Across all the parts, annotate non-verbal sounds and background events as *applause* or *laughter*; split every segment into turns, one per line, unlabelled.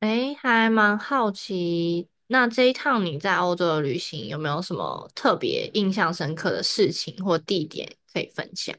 诶，还蛮好奇，那这一趟你在欧洲的旅行有没有什么特别印象深刻的事情或地点可以分享？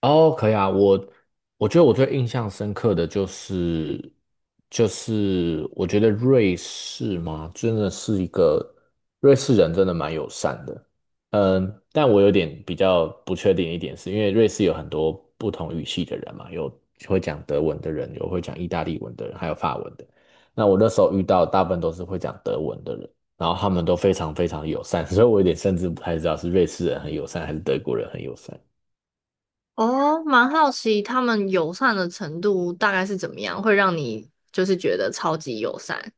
哦，可以啊，我觉得我最印象深刻的就是我觉得瑞士嘛，真的是一个瑞士人真的蛮友善的，嗯，但我有点比较不确定一点是，因为瑞士有很多不同语系的人嘛，有会讲德文的人，有会讲意大利文的人，还有法文的。那我那时候遇到大部分都是会讲德文的人，然后他们都非常非常友善，*laughs* 所以我有点甚至不太知道是瑞士人很友善还是德国人很友善。
哦，蛮好奇他们友善的程度大概是怎么样，会让你就是觉得超级友善。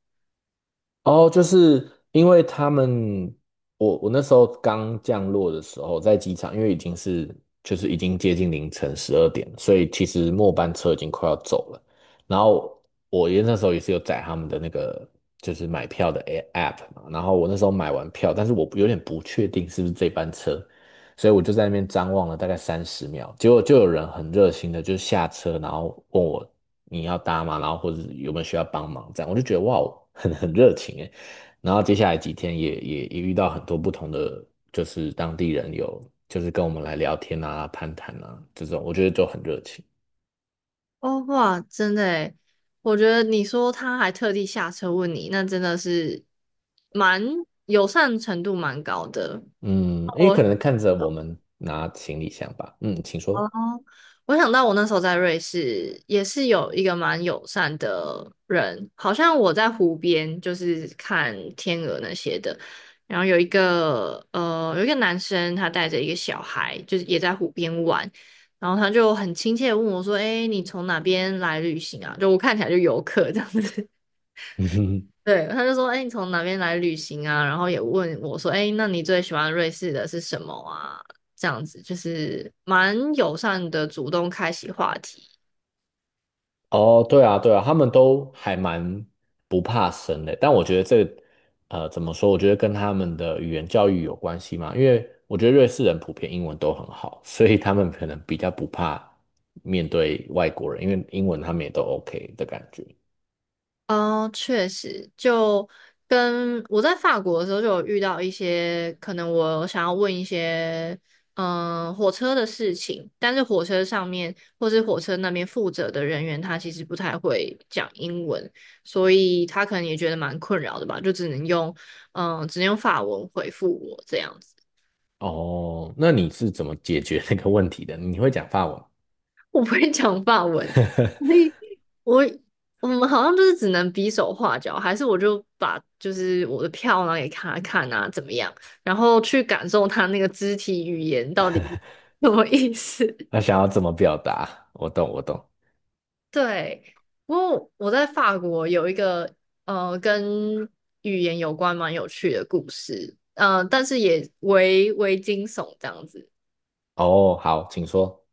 哦，就是因为他们，我那时候刚降落的时候，在机场，因为已经是就是已经接近凌晨12点了，所以其实末班车已经快要走了。然后我也那时候也是有载他们的那个就是买票的 app 嘛，然后我那时候买完票，但是我有点不确定是不是这班车，所以我就在那边张望了大概30秒，结果就有人很热心的就下车，然后问我你要搭吗？然后或者有没有需要帮忙这样，我就觉得哇，很热情诶。然后接下来几天也遇到很多不同的，就是当地人有就是跟我们来聊天啊、攀谈啊这种，我觉得就很热情。
哦，哇，真的诶，我觉得你说他还特地下车问你，那真的是蛮友善程度蛮高的。
嗯，因为可
我
能看着我们拿行李箱吧。嗯，请说。
哦，我想到我那时候在瑞士也是有一个蛮友善的人，好像我在湖边就是看天鹅那些的，然后有一个男生他带着一个小孩，就是也在湖边玩。然后他就很亲切的问我说：“哎，你从哪边来旅行啊？”就我看起来就游客这样子。
*laughs*
对，他就说：“哎，你从哪边来旅行啊？”然后也问我说：“哎，那你最喜欢瑞士的是什么啊？”这样子就是蛮友善的，主动开启话题。
哦，对啊，对啊，他们都还蛮不怕生的，但我觉得这个怎么说？我觉得跟他们的语言教育有关系嘛，因为我觉得瑞士人普遍英文都很好，所以他们可能比较不怕面对外国人，因为英文他们也都 OK 的感觉。
哦，确实，就跟我在法国的时候就有遇到一些，可能我想要问一些，嗯，火车的事情，但是火车上面或是火车那边负责的人员，他其实不太会讲英文，所以他可能也觉得蛮困扰的吧，就只能用，嗯，只能用法文回复我这样子，
哦，那你是怎么解决那个问题的？你会讲法文？
我不会讲法文，
*laughs*
*laughs* 我我们好像就是只能比手画脚，还是我就把就是我的票拿给他看啊，怎么样，然后去感受他那个肢体语言到底是什么意思。
那想要怎么表达？我懂，我懂。
*laughs* 对，不过我在法国有一个跟语言有关蛮有趣的故事，但是也惊悚这样子。
哦，好，请说。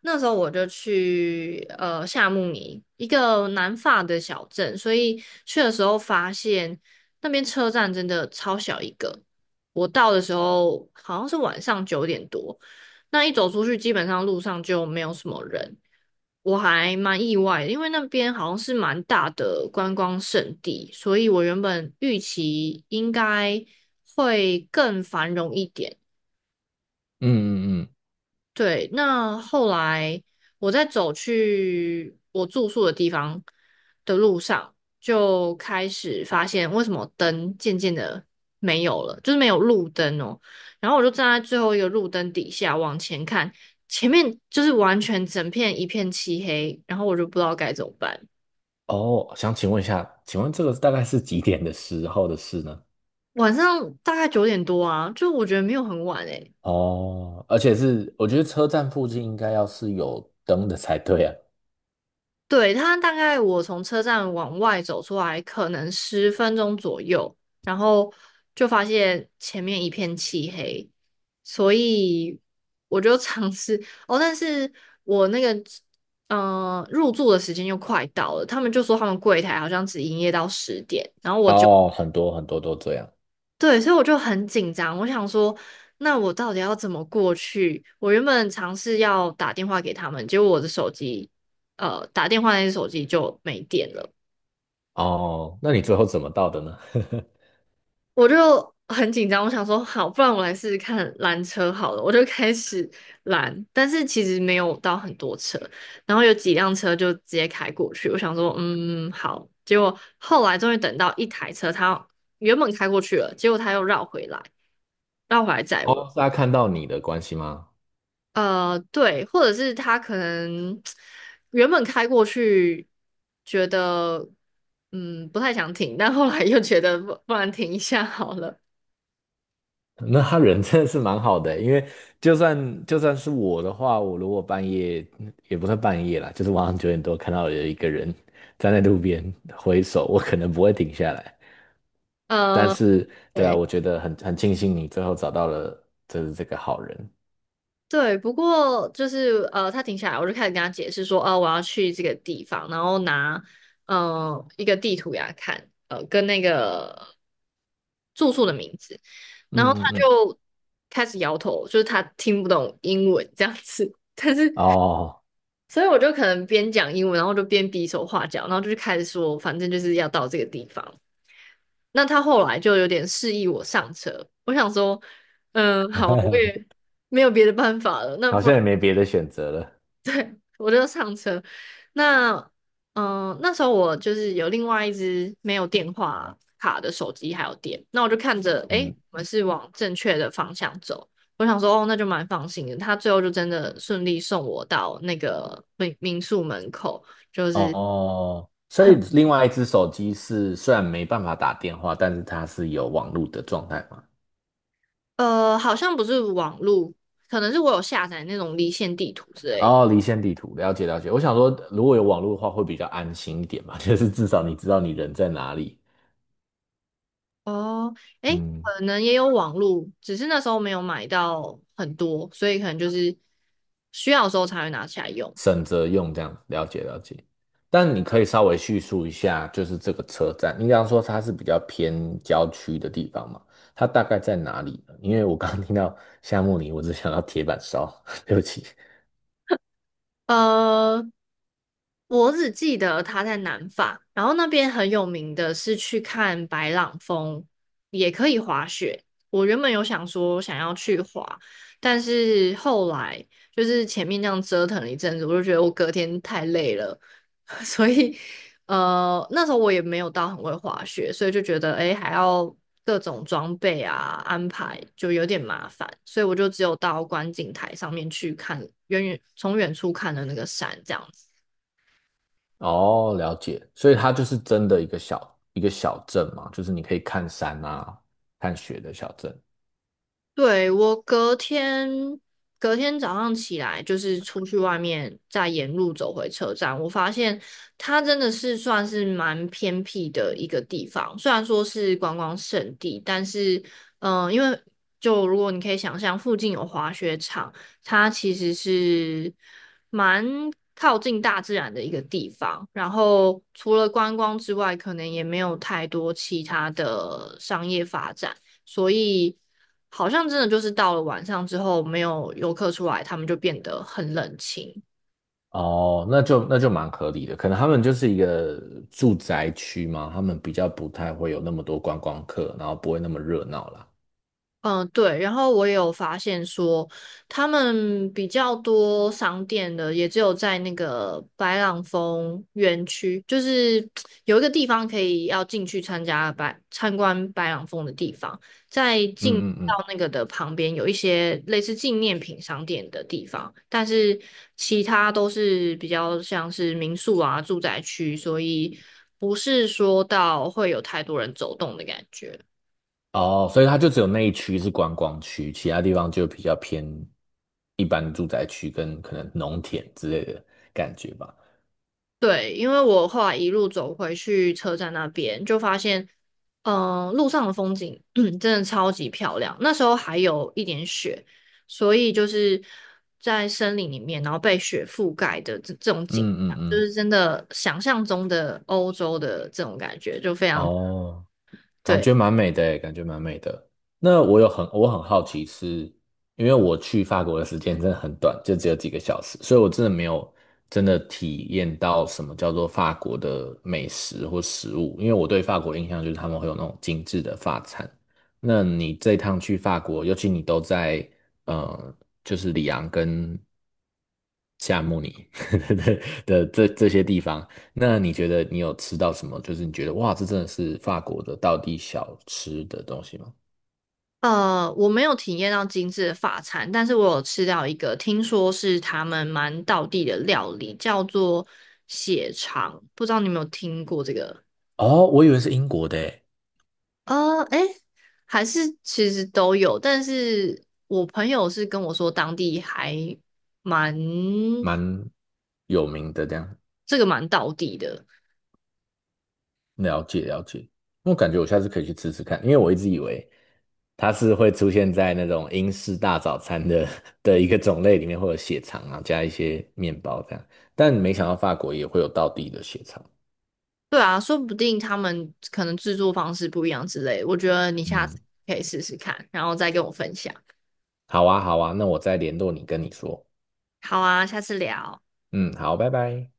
那时候我就去夏慕尼一个南法的小镇，所以去的时候发现那边车站真的超小一个。我到的时候好像是晚上九点多，那一走出去基本上路上就没有什么人，我还蛮意外的因为那边好像是蛮大的观光胜地，所以我原本预期应该会更繁荣一点。
嗯嗯嗯。
对，那后来我在走去我住宿的地方的路上，就开始发现为什么灯渐渐的没有了，就是没有路灯哦。然后我就站在最后一个路灯底下往前看，前面就是完全整片一片漆黑，然后我就不知道该怎么办。
哦，想请问一下，请问这个大概是几点的时候的事呢？
晚上大概九点多啊，就我觉得没有很晚诶、
哦，而且是我觉得车站附近应该要是有灯的才对啊。
对，他大概我从车站往外走出来，可能十分钟左右，然后就发现前面一片漆黑，所以我就尝试哦，但是我那个入住的时间又快到了，他们就说他们柜台好像只营业到十点，然后我就。
哦，很多很多都这样。
对，所以我就很紧张，我想说，那我到底要怎么过去？我原本尝试要打电话给他们，结果我的手机，呃，打电话那只手机就没电了，
哦，那你最后怎么到的呢？*laughs*
我就很紧张。我想说，好，不然我来试试看拦车好了，我就开始拦，但是其实没有到很多车，然后有几辆车就直接开过去。我想说，嗯，好。结果后来终于等到一台车，它原本开过去了，结果它又绕回来，绕回来载我。
哦，是他看到你的关系吗？
呃，对，或者是他可能原本开过去，觉得嗯不太想停，但后来又觉得不然停一下好了。
*laughs* 那他人真的是蛮好的欸因为就算是我的话，我如果半夜也不算半夜啦，就是晚上9点多看到有一个人站在路边挥手，我可能不会停下来。但
呃，
是，对啊，
对
我觉得很庆幸你最后找到了就是这个好人。
对，不过就是呃，他停下来，我就开始跟他解释说，哦、我要去这个地方，然后拿一个地图给他看，呃，跟那个住宿的名字，然后他
嗯嗯嗯，
就开始摇头，就是他听不懂英文这样子。
哦，
所以我就可能边讲英文，然后就边比手画脚，然后就开始说，反正就是要到这个地方。那他后来就有点示意我上车，我想说，嗯，好啊我
*laughs*
也没有别的办法了，那
好
不
像
然。
也没别的选择了。
我就上车。那那时候我就是有另外一只没有电话卡的手机还有电，那我就看着，诶，
嗯，
我们是往正确的方向走。我想说，哦，那就蛮放心的。他最后就真的顺利送我到那个民宿门口，就是
哦，所以
很
另外一只手机是虽然没办法打电话，但是它是有网络的状态嘛？
好像不是网络，可能是我有下载那种离线地图之类的。
哦，离线地图，了解了解。我想说，如果有网络的话，会比较安心一点嘛，*laughs* 就是至少你知道你人在哪里。
哦，诶，
嗯。
可能也有网路，只是那时候没有买到很多，所以可能就是需要的时候才会拿起来用。
省着用这样子，了解了解。但你可以稍微叙述一下，就是这个车站，你刚刚说它是比较偏郊区的地方嘛，它大概在哪里呢？因为我刚刚听到夏慕里，我只想到铁板烧，*laughs* 对不起。*laughs*
呃，我只记得他在南法，然后那边很有名的是去看白朗峰，也可以滑雪。我原本有想说想要去滑，但是后来就是前面这样折腾了一阵子，我就觉得我隔天太累了，*laughs* 所以那时候我也没有到很会滑雪，所以就觉得诶还要各种装备啊安排就有点麻烦，所以我就只有到观景台上面去看远远从远处看的那个山这样子。
哦，了解，所以它就是真的一个小镇嘛，就是你可以看山啊、看雪的小镇。
对，我隔天早上起来，就是出去外面，再沿路走回车站，我发现它真的是算是蛮偏僻的一个地方。虽然说是观光胜地，但是，因为就如果你可以想象，附近有滑雪场，它其实是蛮靠近大自然的一个地方。然后除了观光之外，可能也没有太多其他的商业发展。所以好像真的就是到了晚上之后，没有游客出来，他们就变得很冷清。
哦，那就那就蛮合理的，可能他们就是一个住宅区嘛，他们比较不太会有那么多观光客，然后不会那么热闹啦。
嗯，对，然后我也有发现说，他们比较多商店的也只有在那个白朗峰园区，就是 *tsk* 有一个地方可以要进去参观白朗峰的地方，在进
嗯嗯嗯。
到那个的旁边有一些类似纪念品商店的地方，但是其他都是比较像是民宿啊、住宅区，所以不是说到会有太多人走动的感觉。
哦，所以它就只有那一区是观光区，其他地方就比较偏一般住宅区跟可能农田之类的感觉吧。
对，因为我后来一路走回去车站那边，就发现，路上的风景 *clears throat* 真的超级漂亮。那时候还有一点雪，所以就是在森林里面，然后被雪覆盖的这种景
嗯嗯
象，就
嗯，
是真的想象中的欧洲的这种感觉，就非常
哦，感
对。
觉蛮美的诶，感觉蛮美的。那我有很我很好奇是，因为我去法国的时间真的很短，就只有几个小时，所以我真的没有真的体验到什么叫做法国的美食或食物。因为我对法国印象就是他们会有那种精致的法餐。那你这趟去法国，尤其你都在呃，就是里昂跟夏慕尼 *laughs* 的这些地方，那你觉得你有吃到什么？就是你觉得哇，这真的是法国的道地小吃的东西吗？
呃，我没有体验到精致的法餐，但是我有吃到一个，听说是他们蛮道地的料理，叫做血肠，不知道你有没有听过这个？
哦，我以为是英国的诶。
呃，哎，还是其实都有，但是我朋友是跟我说当地还蛮
蛮有名的，这样
这个蛮道地的，
了解了解。我感觉我下次可以去吃吃看，因为我一直以为它是会出现在那种英式大早餐的 *laughs* 的一个种类里面，会有血肠啊，加一些面包这样。但没想到法国也会有道地的血肠。
对啊，说不定他们可能制作方式不一样之类，我觉得你下次
嗯，
可以试试看，然后再跟我分享。
好啊好啊，那我再联络你跟你说。
好啊，下次聊。
嗯，好，拜拜。